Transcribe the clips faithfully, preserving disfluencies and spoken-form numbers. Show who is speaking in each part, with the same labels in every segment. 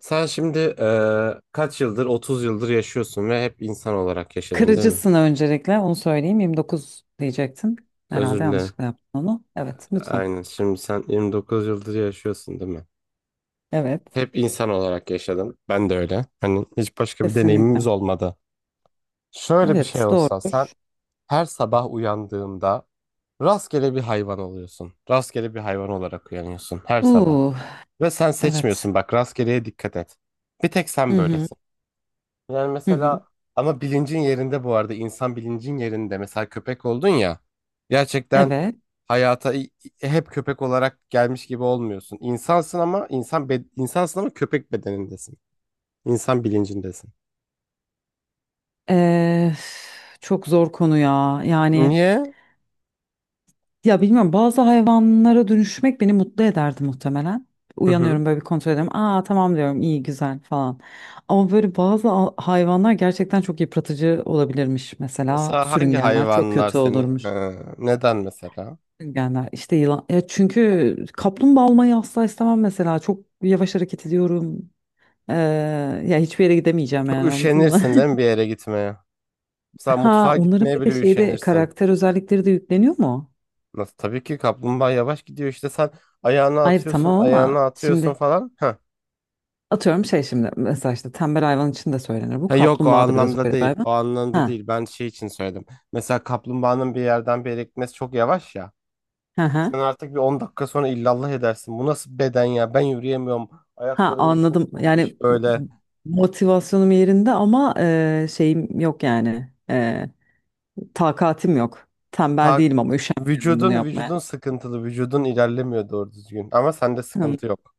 Speaker 1: Sen şimdi eee, kaç yıldır, otuz yıldır yaşıyorsun ve hep insan olarak yaşadın, değil mi?
Speaker 2: Kırıcısın öncelikle onu söyleyeyim. Yirmi dokuz diyecektin. Herhalde
Speaker 1: Özür dilerim.
Speaker 2: yanlışlıkla yaptın onu. Evet lütfen.
Speaker 1: Aynen. Şimdi sen yirmi dokuz yıldır yaşıyorsun, değil mi?
Speaker 2: Evet.
Speaker 1: Hep insan olarak yaşadın. Ben de öyle. Hani hiç başka bir deneyimimiz
Speaker 2: Kesinlikle.
Speaker 1: olmadı. Şöyle bir şey
Speaker 2: Evet
Speaker 1: olsa
Speaker 2: doğru.
Speaker 1: sen her sabah uyandığında rastgele bir hayvan oluyorsun. Rastgele bir hayvan olarak uyanıyorsun her sabah.
Speaker 2: Uuu
Speaker 1: Ve sen
Speaker 2: evet.
Speaker 1: seçmiyorsun, bak, rastgeleye dikkat et. Bir tek
Speaker 2: Hı
Speaker 1: sen
Speaker 2: hı.
Speaker 1: böylesin. Yani
Speaker 2: Hı hı.
Speaker 1: mesela ama bilincin yerinde, bu arada insan bilincin yerinde, mesela köpek oldun ya, gerçekten
Speaker 2: Evet.
Speaker 1: hayata i- i- hep köpek olarak gelmiş gibi olmuyorsun. İnsansın ama insan be- insansın ama köpek bedenindesin. İnsan bilincindesin.
Speaker 2: Ee, çok zor konu ya. Yani
Speaker 1: Niye?
Speaker 2: ya bilmiyorum bazı hayvanlara dönüşmek beni mutlu ederdi muhtemelen.
Speaker 1: Hı hı.
Speaker 2: Uyanıyorum böyle bir kontrol ediyorum. Aa tamam diyorum iyi güzel falan. Ama böyle bazı a- hayvanlar gerçekten çok yıpratıcı olabilirmiş. Mesela
Speaker 1: Mesela hangi
Speaker 2: sürüngenler çok
Speaker 1: hayvanlar
Speaker 2: kötü
Speaker 1: seni Ha,
Speaker 2: olurmuş.
Speaker 1: neden mesela?
Speaker 2: Sürüngenler işte yılan. Ya çünkü kaplumbağa olmayı asla istemem mesela. Çok yavaş hareket ediyorum. Ee, ya hiçbir yere gidemeyeceğim
Speaker 1: Çok
Speaker 2: yani anladın mı?
Speaker 1: üşenirsin değil mi bir yere gitmeye? Mesela
Speaker 2: Ha
Speaker 1: mutfağa
Speaker 2: onların
Speaker 1: gitmeye
Speaker 2: bir
Speaker 1: bile
Speaker 2: de şeyde
Speaker 1: üşenirsin.
Speaker 2: karakter özellikleri de yükleniyor mu?
Speaker 1: Nasıl? Tabii ki kaplumbağa yavaş gidiyor, işte sen ayağını
Speaker 2: Hayır
Speaker 1: atıyorsun,
Speaker 2: tamam ama
Speaker 1: ayağını atıyorsun
Speaker 2: şimdi
Speaker 1: falan.
Speaker 2: atıyorum şey şimdi mesela işte tembel hayvan için de söylenir bu.
Speaker 1: Ha, yok, o
Speaker 2: Kaplumbağa da biraz
Speaker 1: anlamda
Speaker 2: öyle bir
Speaker 1: değil.
Speaker 2: hayvan.
Speaker 1: O anlamda
Speaker 2: Ha,
Speaker 1: değil. Ben şey için söyledim. Mesela kaplumbağanın bir yerden bir yere gitmesi çok yavaş ya.
Speaker 2: ha, ha.
Speaker 1: Sen artık bir on dakika sonra illallah edersin. Bu nasıl beden ya? Ben yürüyemiyorum.
Speaker 2: Ha
Speaker 1: Ayaklarım da çok
Speaker 2: anladım.
Speaker 1: tombiş
Speaker 2: Yani
Speaker 1: böyle.
Speaker 2: motivasyonum yerinde ama e, şeyim yok yani. E, takatim yok. Tembel
Speaker 1: Ta
Speaker 2: değilim ama üşenmiyorum bunu
Speaker 1: vücudun
Speaker 2: yapmaya.
Speaker 1: vücudun sıkıntılı. Vücudun ilerlemiyor doğru düzgün. Ama sende
Speaker 2: Hmm.
Speaker 1: sıkıntı yok.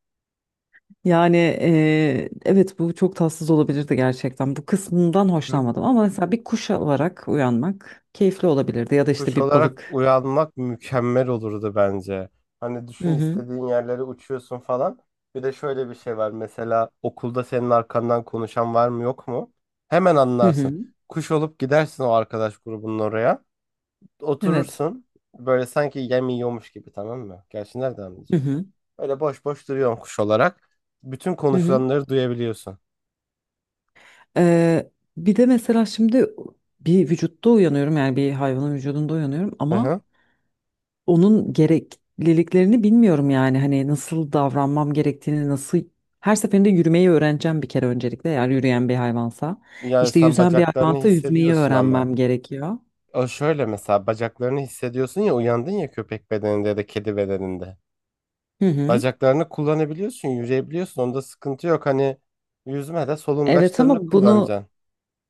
Speaker 2: Yani eee, evet bu çok tatsız olabilirdi gerçekten. Bu kısmından
Speaker 1: Hı?
Speaker 2: hoşlanmadım ama mesela bir kuş olarak uyanmak keyifli olabilirdi ya da işte
Speaker 1: Kuş
Speaker 2: bir
Speaker 1: olarak
Speaker 2: balık.
Speaker 1: uyanmak mükemmel olurdu bence. Hani
Speaker 2: Hı
Speaker 1: düşün,
Speaker 2: hı.
Speaker 1: istediğin yerlere uçuyorsun falan. Bir de şöyle bir şey var. Mesela okulda senin arkandan konuşan var mı yok mu? Hemen
Speaker 2: Hı
Speaker 1: anlarsın.
Speaker 2: hı.
Speaker 1: Kuş olup gidersin o arkadaş grubunun oraya.
Speaker 2: Evet.
Speaker 1: Oturursun. Böyle sanki yem yiyormuş gibi, tamam mı? Gerçi nereden
Speaker 2: Hı
Speaker 1: anlayacaklar?
Speaker 2: hı.
Speaker 1: Öyle boş boş duruyorsun kuş olarak. Bütün
Speaker 2: Hı hı.
Speaker 1: konuşulanları duyabiliyorsun.
Speaker 2: Eee, bir de mesela şimdi bir vücutta uyanıyorum yani bir hayvanın vücudunda uyanıyorum
Speaker 1: Hı
Speaker 2: ama
Speaker 1: hı.
Speaker 2: onun gerekliliklerini bilmiyorum yani hani nasıl davranmam gerektiğini nasıl her seferinde yürümeyi öğreneceğim bir kere öncelikle eğer yürüyen bir hayvansa
Speaker 1: Yani
Speaker 2: işte
Speaker 1: sen
Speaker 2: yüzen bir
Speaker 1: bacaklarını
Speaker 2: hayvansa yüzmeyi
Speaker 1: hissediyorsun ama.
Speaker 2: öğrenmem gerekiyor.
Speaker 1: O şöyle, mesela bacaklarını hissediyorsun ya, uyandın ya köpek bedeninde ya da kedi bedeninde.
Speaker 2: Hı hı.
Speaker 1: Bacaklarını kullanabiliyorsun, yürüyebiliyorsun. Onda sıkıntı yok. Hani yüzmede
Speaker 2: Evet
Speaker 1: solungaçlarını
Speaker 2: ama bunu
Speaker 1: kullanacaksın.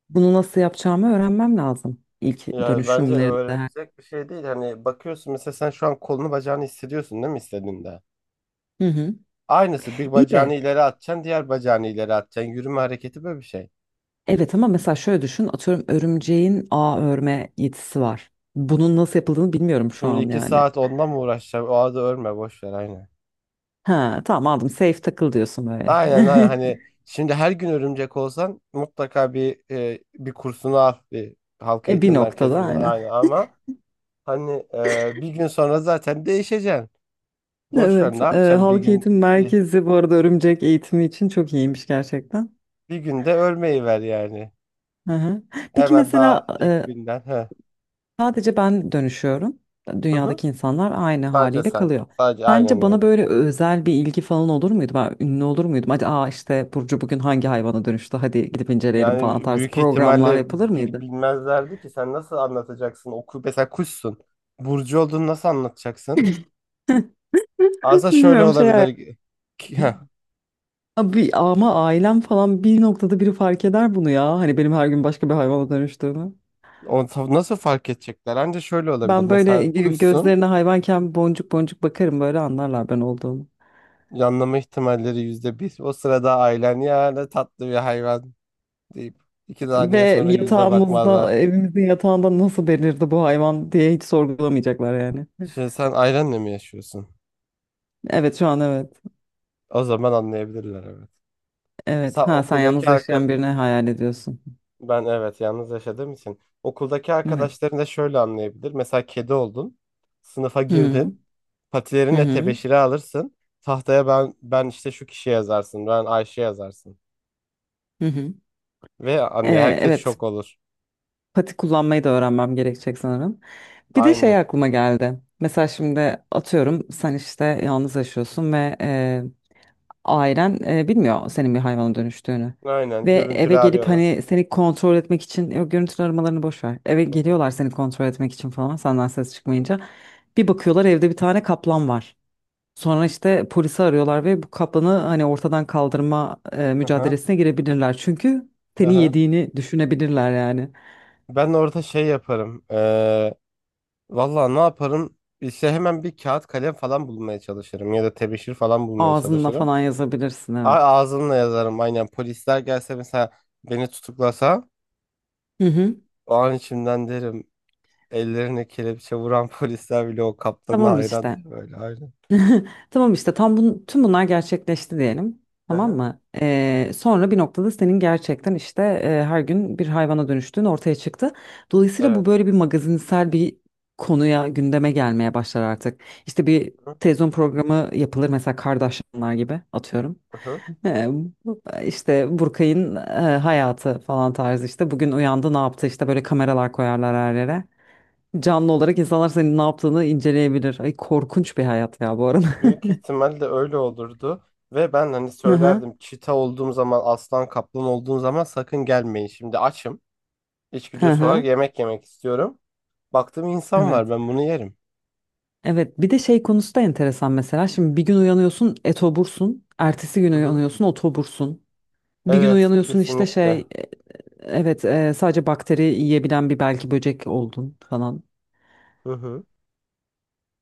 Speaker 2: bunu nasıl yapacağımı öğrenmem lazım ilk
Speaker 1: Ya bence
Speaker 2: dönüşümlerimde.
Speaker 1: öğrenilecek bir şey değil. Hani bakıyorsun, mesela sen şu an kolunu bacağını hissediyorsun değil mi istediğinde?
Speaker 2: Hı hı.
Speaker 1: Aynısı, bir
Speaker 2: İyi
Speaker 1: bacağını
Speaker 2: de
Speaker 1: ileri atacaksın, diğer bacağını ileri atacaksın. Yürüme hareketi böyle bir şey.
Speaker 2: evet ama mesela şöyle düşün atıyorum örümceğin ağ örme yetisi var. Bunun nasıl yapıldığını bilmiyorum şu
Speaker 1: Şimdi
Speaker 2: an
Speaker 1: iki
Speaker 2: yani.
Speaker 1: saat onunla mı uğraşacaksın? O adı örme, boş ver, aynen.
Speaker 2: Ha tamam aldım safe takıl diyorsun böyle.
Speaker 1: Aynen aynen, hani şimdi her gün örümcek olsan mutlaka bir e, bir kursunu al bir halk
Speaker 2: E bir
Speaker 1: eğitim
Speaker 2: noktada
Speaker 1: merkezinde,
Speaker 2: aynen.
Speaker 1: aynen, ama hani e, bir gün sonra zaten değişeceksin. Boş ver,
Speaker 2: Evet,
Speaker 1: ne
Speaker 2: e,
Speaker 1: yapacaksın, bir
Speaker 2: Halk
Speaker 1: gün
Speaker 2: Eğitim
Speaker 1: bir,
Speaker 2: Merkezi bu arada örümcek eğitimi için çok iyiymiş gerçekten.
Speaker 1: bir günde ölmeyi ver yani.
Speaker 2: Hı hı. Peki
Speaker 1: Hemen daha
Speaker 2: mesela
Speaker 1: ilk
Speaker 2: e,
Speaker 1: günden. He.
Speaker 2: sadece ben dönüşüyorum.
Speaker 1: Hı hı.
Speaker 2: Dünyadaki insanlar aynı
Speaker 1: Sadece
Speaker 2: haliyle
Speaker 1: sen.
Speaker 2: kalıyor.
Speaker 1: Sadece aynen
Speaker 2: Sence bana
Speaker 1: öyle.
Speaker 2: böyle özel bir ilgi falan olur muydu? Ben ünlü olur muydum? Hadi aa işte Burcu bugün hangi hayvana dönüştü? Hadi gidip inceleyelim falan
Speaker 1: Yani
Speaker 2: tarzı
Speaker 1: büyük
Speaker 2: programlar
Speaker 1: ihtimalle
Speaker 2: yapılır
Speaker 1: bil-
Speaker 2: mıydı?
Speaker 1: bilmezlerdi ki, sen nasıl anlatacaksın? Oku, mesela kuşsun. Burcu olduğunu nasıl anlatacaksın? Aslında şöyle
Speaker 2: Bilmiyorum şey hayal-
Speaker 1: olabilir. Ki Heh.
Speaker 2: abi, ama ailem falan bir noktada biri fark eder bunu ya. Hani benim her gün başka bir hayvana dönüştüğümü.
Speaker 1: O ta- nasıl fark edecekler? Anca şöyle olabilir.
Speaker 2: Ben böyle
Speaker 1: Mesela
Speaker 2: gö-
Speaker 1: kuşsun.
Speaker 2: gözlerine hayvanken boncuk boncuk bakarım böyle anlarlar ben olduğumu.
Speaker 1: Yanlama ihtimalleri yüzde bir. O sırada ailen, ya ne tatlı bir hayvan, deyip iki saniye
Speaker 2: Ve
Speaker 1: sonra yüzüne
Speaker 2: yatağımızda,
Speaker 1: bakmazlar.
Speaker 2: evimizin yatağında nasıl belirdi bu hayvan diye hiç sorgulamayacaklar yani.
Speaker 1: Şimdi sen ailenle mi yaşıyorsun?
Speaker 2: Evet şu an evet.
Speaker 1: O zaman anlayabilirler, evet.
Speaker 2: Evet.
Speaker 1: Sa
Speaker 2: Ha sen yalnız
Speaker 1: okuldaki arka...
Speaker 2: yaşayan birini hayal ediyorsun.
Speaker 1: Ben evet, yalnız yaşadığım için. Okuldaki
Speaker 2: Evet.
Speaker 1: arkadaşların da şöyle anlayabilir. Mesela kedi oldun. Sınıfa
Speaker 2: Hı hı.
Speaker 1: girdin.
Speaker 2: Hı
Speaker 1: Patilerinle
Speaker 2: hı.
Speaker 1: tebeşiri alırsın. Tahtaya ben ben işte şu kişi yazarsın. Ben Ayşe yazarsın.
Speaker 2: Hı hı.
Speaker 1: Ve anne,
Speaker 2: Ee,
Speaker 1: herkes
Speaker 2: evet.
Speaker 1: şok olur.
Speaker 2: Pati kullanmayı da öğrenmem gerekecek sanırım. Bir de şey
Speaker 1: Aynen.
Speaker 2: aklıma geldi. Mesela şimdi atıyorum sen işte yalnız yaşıyorsun ve ailen e, bilmiyor senin bir hayvana dönüştüğünü.
Speaker 1: Aynen.
Speaker 2: Ve
Speaker 1: Görüntülü
Speaker 2: eve gelip
Speaker 1: arıyorlar.
Speaker 2: hani seni kontrol etmek için yok görüntülü aramalarını boş ver. Eve
Speaker 1: Hı hı.
Speaker 2: geliyorlar seni kontrol etmek için falan senden ses çıkmayınca. Bir bakıyorlar evde bir tane kaplan var. Sonra işte polisi arıyorlar ve bu kaplanı hani ortadan kaldırma e,
Speaker 1: Hı hı.
Speaker 2: mücadelesine girebilirler. Çünkü
Speaker 1: Hı
Speaker 2: seni
Speaker 1: hı.
Speaker 2: yediğini düşünebilirler yani.
Speaker 1: Ben orada şey yaparım. Ee, vallahi ne yaparım? İşte hemen bir kağıt kalem falan bulmaya çalışırım. Ya da tebeşir falan bulmaya
Speaker 2: Ağzınla
Speaker 1: çalışırım.
Speaker 2: falan yazabilirsin
Speaker 1: A,
Speaker 2: evet.
Speaker 1: ağzımla yazarım. Aynen. Polisler gelse, mesela beni tutuklasa,
Speaker 2: Hı hı.
Speaker 1: o an içimden derim. Ellerine kelepçe vuran polisler bile o kaptana
Speaker 2: Tamam
Speaker 1: hayran
Speaker 2: işte.
Speaker 1: diye böyle. Aynen.
Speaker 2: Tamam işte tam bun, tüm bunlar gerçekleşti diyelim.
Speaker 1: Hı
Speaker 2: Tamam
Speaker 1: hı.
Speaker 2: mı?
Speaker 1: Hı hı.
Speaker 2: Ee, sonra bir noktada senin gerçekten işte e, her gün bir hayvana dönüştüğün ortaya çıktı. Dolayısıyla bu
Speaker 1: Evet.
Speaker 2: böyle bir magazinsel bir konuya gündeme gelmeye başlar artık. İşte bir
Speaker 1: Hı
Speaker 2: televizyon programı yapılır mesela Kardashianlar gibi atıyorum.
Speaker 1: hı.
Speaker 2: Ee, bu- işte Burkay'ın e, hayatı falan tarzı işte bugün uyandı ne yaptı işte böyle kameralar koyarlar her yere. Canlı olarak insanlar senin ne yaptığını inceleyebilir. Ay korkunç bir hayat ya bu arada.
Speaker 1: Büyük ihtimalle öyle olurdu. Ve ben hani
Speaker 2: Hı hı.
Speaker 1: söylerdim, çita olduğum zaman, aslan kaplan olduğum zaman sakın gelmeyin. Şimdi açım.
Speaker 2: Hı
Speaker 1: İçgüdüsü olarak
Speaker 2: hı,
Speaker 1: yemek yemek istiyorum. Baktım insan
Speaker 2: evet.
Speaker 1: var, ben bunu yerim.
Speaker 2: Evet bir de şey konusu da enteresan mesela. Şimdi bir gün uyanıyorsun etobursun. Ertesi gün
Speaker 1: Hı hı.
Speaker 2: uyanıyorsun otobursun. Bir gün
Speaker 1: Evet
Speaker 2: uyanıyorsun işte şey
Speaker 1: kesinlikle.
Speaker 2: e, evet e, sadece bakteri yiyebilen bir belki böcek oldun falan.
Speaker 1: Hı hı.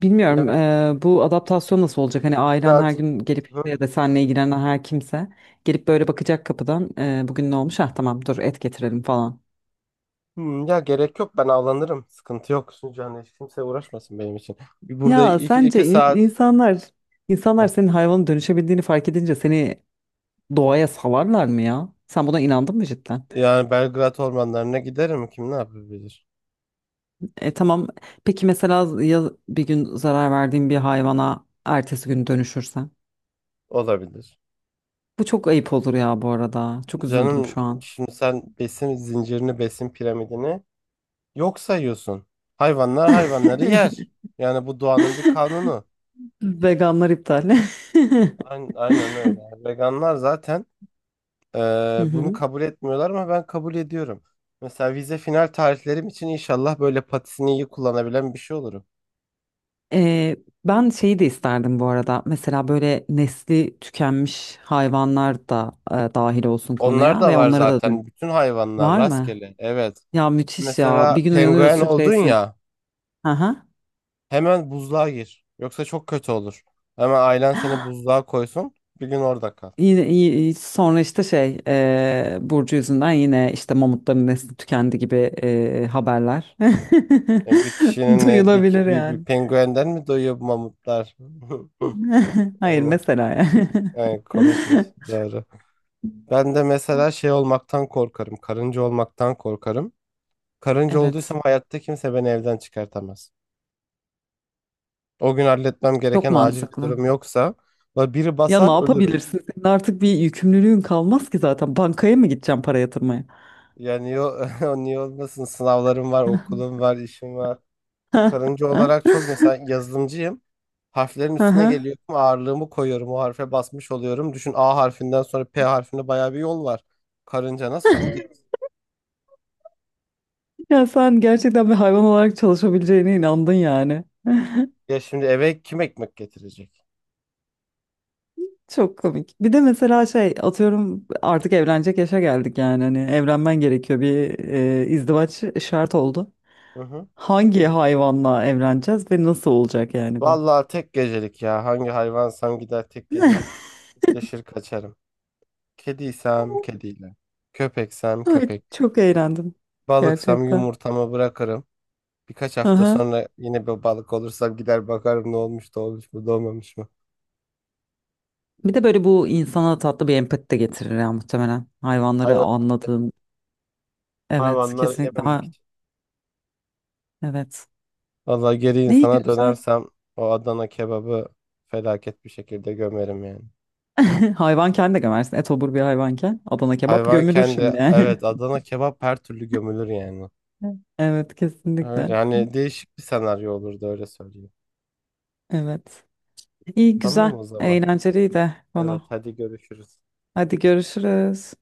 Speaker 2: Bilmiyorum
Speaker 1: Evet,
Speaker 2: e, bu adaptasyon nasıl olacak? Hani ailen her
Speaker 1: birazcık.
Speaker 2: gün gelip
Speaker 1: Hı
Speaker 2: işte
Speaker 1: hı.
Speaker 2: ya da seninle ilgilenen her kimse gelip böyle bakacak kapıdan e, bugün ne olmuş? Ah tamam dur et getirelim falan.
Speaker 1: Hmm, ya gerek yok, ben avlanırım. Sıkıntı yok. Sunucu, hani hiç kimse uğraşmasın benim için. Burada
Speaker 2: Ya
Speaker 1: iki,
Speaker 2: sence
Speaker 1: iki
Speaker 2: in-
Speaker 1: saat.
Speaker 2: insanlar insanlar
Speaker 1: Heh.
Speaker 2: senin hayvana dönüşebildiğini fark edince seni doğaya salarlar mı ya? Sen buna inandın mı cidden?
Speaker 1: Yani Belgrad ormanlarına giderim. Kim ne yapabilir?
Speaker 2: E tamam. Peki mesela ya bir gün zarar verdiğin bir hayvana ertesi gün dönüşürsen?
Speaker 1: Olabilir.
Speaker 2: Bu çok ayıp olur ya bu arada. Çok üzüldüm
Speaker 1: Canım,
Speaker 2: şu an.
Speaker 1: şimdi sen besin zincirini, besin piramidini yok sayıyorsun. Hayvanlar hayvanları yer. Yani bu doğanın bir kanunu.
Speaker 2: Veganlar iptal.
Speaker 1: Aynen, aynen öyle. Veganlar zaten e,
Speaker 2: Hı
Speaker 1: bunu
Speaker 2: hı.
Speaker 1: kabul etmiyorlar ama ben kabul ediyorum. Mesela vize final tarihlerim için inşallah böyle patisini iyi kullanabilen bir şey olurum.
Speaker 2: E, ben şeyi de isterdim bu arada. Mesela böyle nesli tükenmiş hayvanlar da e, dahil olsun
Speaker 1: Onlar
Speaker 2: konuya
Speaker 1: da
Speaker 2: ve
Speaker 1: var
Speaker 2: onlara da dön.
Speaker 1: zaten. Bütün hayvanlar
Speaker 2: Var mı?
Speaker 1: rastgele. Evet.
Speaker 2: Ya müthiş ya. Bir
Speaker 1: Mesela
Speaker 2: gün
Speaker 1: penguen
Speaker 2: uyanıyorsun
Speaker 1: oldun
Speaker 2: şeysin.
Speaker 1: ya,
Speaker 2: Hı hı.
Speaker 1: hemen buzluğa gir. Yoksa çok kötü olur. Hemen ailen seni buzluğa koysun. Bir gün orada kal.
Speaker 2: Yine, iyi- sonra işte şey e, Burcu yüzünden yine işte mamutların nesli tükendi gibi e, haberler
Speaker 1: E, bir kişinin e, bir,
Speaker 2: duyulabilir
Speaker 1: bir, bir
Speaker 2: yani.
Speaker 1: penguenden mi doyuyor bu mamutlar?
Speaker 2: Hayır
Speaker 1: Onu,
Speaker 2: mesela yani.
Speaker 1: yani komikmiş, doğru. Ben de mesela şey olmaktan korkarım. Karınca olmaktan korkarım. Karınca
Speaker 2: Evet
Speaker 1: olduysam hayatta kimse beni evden çıkartamaz. O gün halletmem
Speaker 2: çok
Speaker 1: gereken acil bir
Speaker 2: mantıklı.
Speaker 1: durum yoksa la biri
Speaker 2: Ya ne
Speaker 1: basar, ölürüm.
Speaker 2: yapabilirsin? Senin artık bir yükümlülüğün kalmaz ki zaten. Bankaya mı gideceğim para yatırmaya?
Speaker 1: Yani yo, niye olmasın, sınavlarım var, okulum var, işim var. Karınca olarak, çok mesela yazılımcıyım. Harflerin
Speaker 2: Hı
Speaker 1: üstüne
Speaker 2: hı.
Speaker 1: geliyorum, ağırlığımı koyuyorum, o harfe basmış oluyorum. Düşün, A harfinden sonra P harfine bayağı bir yol var. Karınca nasıl kod yaz-
Speaker 2: Ya sen gerçekten bir hayvan olarak çalışabileceğine inandın yani.
Speaker 1: Ya şimdi eve kim ekmek getirecek?
Speaker 2: Çok komik. Bir de mesela şey atıyorum artık evlenecek yaşa geldik yani hani evlenmen gerekiyor bir e, izdivaç şart oldu.
Speaker 1: Hı hı.
Speaker 2: Hangi hayvanla evleneceğiz ve nasıl olacak yani bu?
Speaker 1: Vallahi tek gecelik ya. Hangi hayvansam gider tek gecelik deşir kaçarım. Kediysem kediyle. Köpeksem
Speaker 2: Ay,
Speaker 1: köpek.
Speaker 2: çok eğlendim
Speaker 1: Balıksam
Speaker 2: gerçekten.
Speaker 1: yumurtamı bırakırım. Birkaç hafta
Speaker 2: Aha.
Speaker 1: sonra yine bir balık olursam gider bakarım, ne olmuş da olmuş mu da olmamış mı.
Speaker 2: Bir de böyle bu insana tatlı bir empati de getirir ya muhtemelen. Hayvanları
Speaker 1: Hayvan,
Speaker 2: anladığın. Evet
Speaker 1: hayvanları
Speaker 2: kesinlikle.
Speaker 1: yememek
Speaker 2: Ha,
Speaker 1: için.
Speaker 2: evet.
Speaker 1: Valla geri
Speaker 2: Neyi
Speaker 1: insana
Speaker 2: güzel.
Speaker 1: dönersem o Adana kebabı felaket bir şekilde gömerim yani.
Speaker 2: Hayvanken de gömersin. Etobur bir hayvanken. Adana kebap
Speaker 1: Hayvan
Speaker 2: gömülür
Speaker 1: kendi,
Speaker 2: şimdi
Speaker 1: evet,
Speaker 2: yani.
Speaker 1: Adana kebap her türlü gömülür yani.
Speaker 2: Evet
Speaker 1: Öyle
Speaker 2: kesinlikle.
Speaker 1: hani değişik bir senaryo olurdu, öyle söyleyeyim.
Speaker 2: Evet. İyi
Speaker 1: Tamam
Speaker 2: güzel.
Speaker 1: o zaman.
Speaker 2: Eğlenceliydi
Speaker 1: Evet,
Speaker 2: konu.
Speaker 1: hadi görüşürüz.
Speaker 2: Hadi görüşürüz.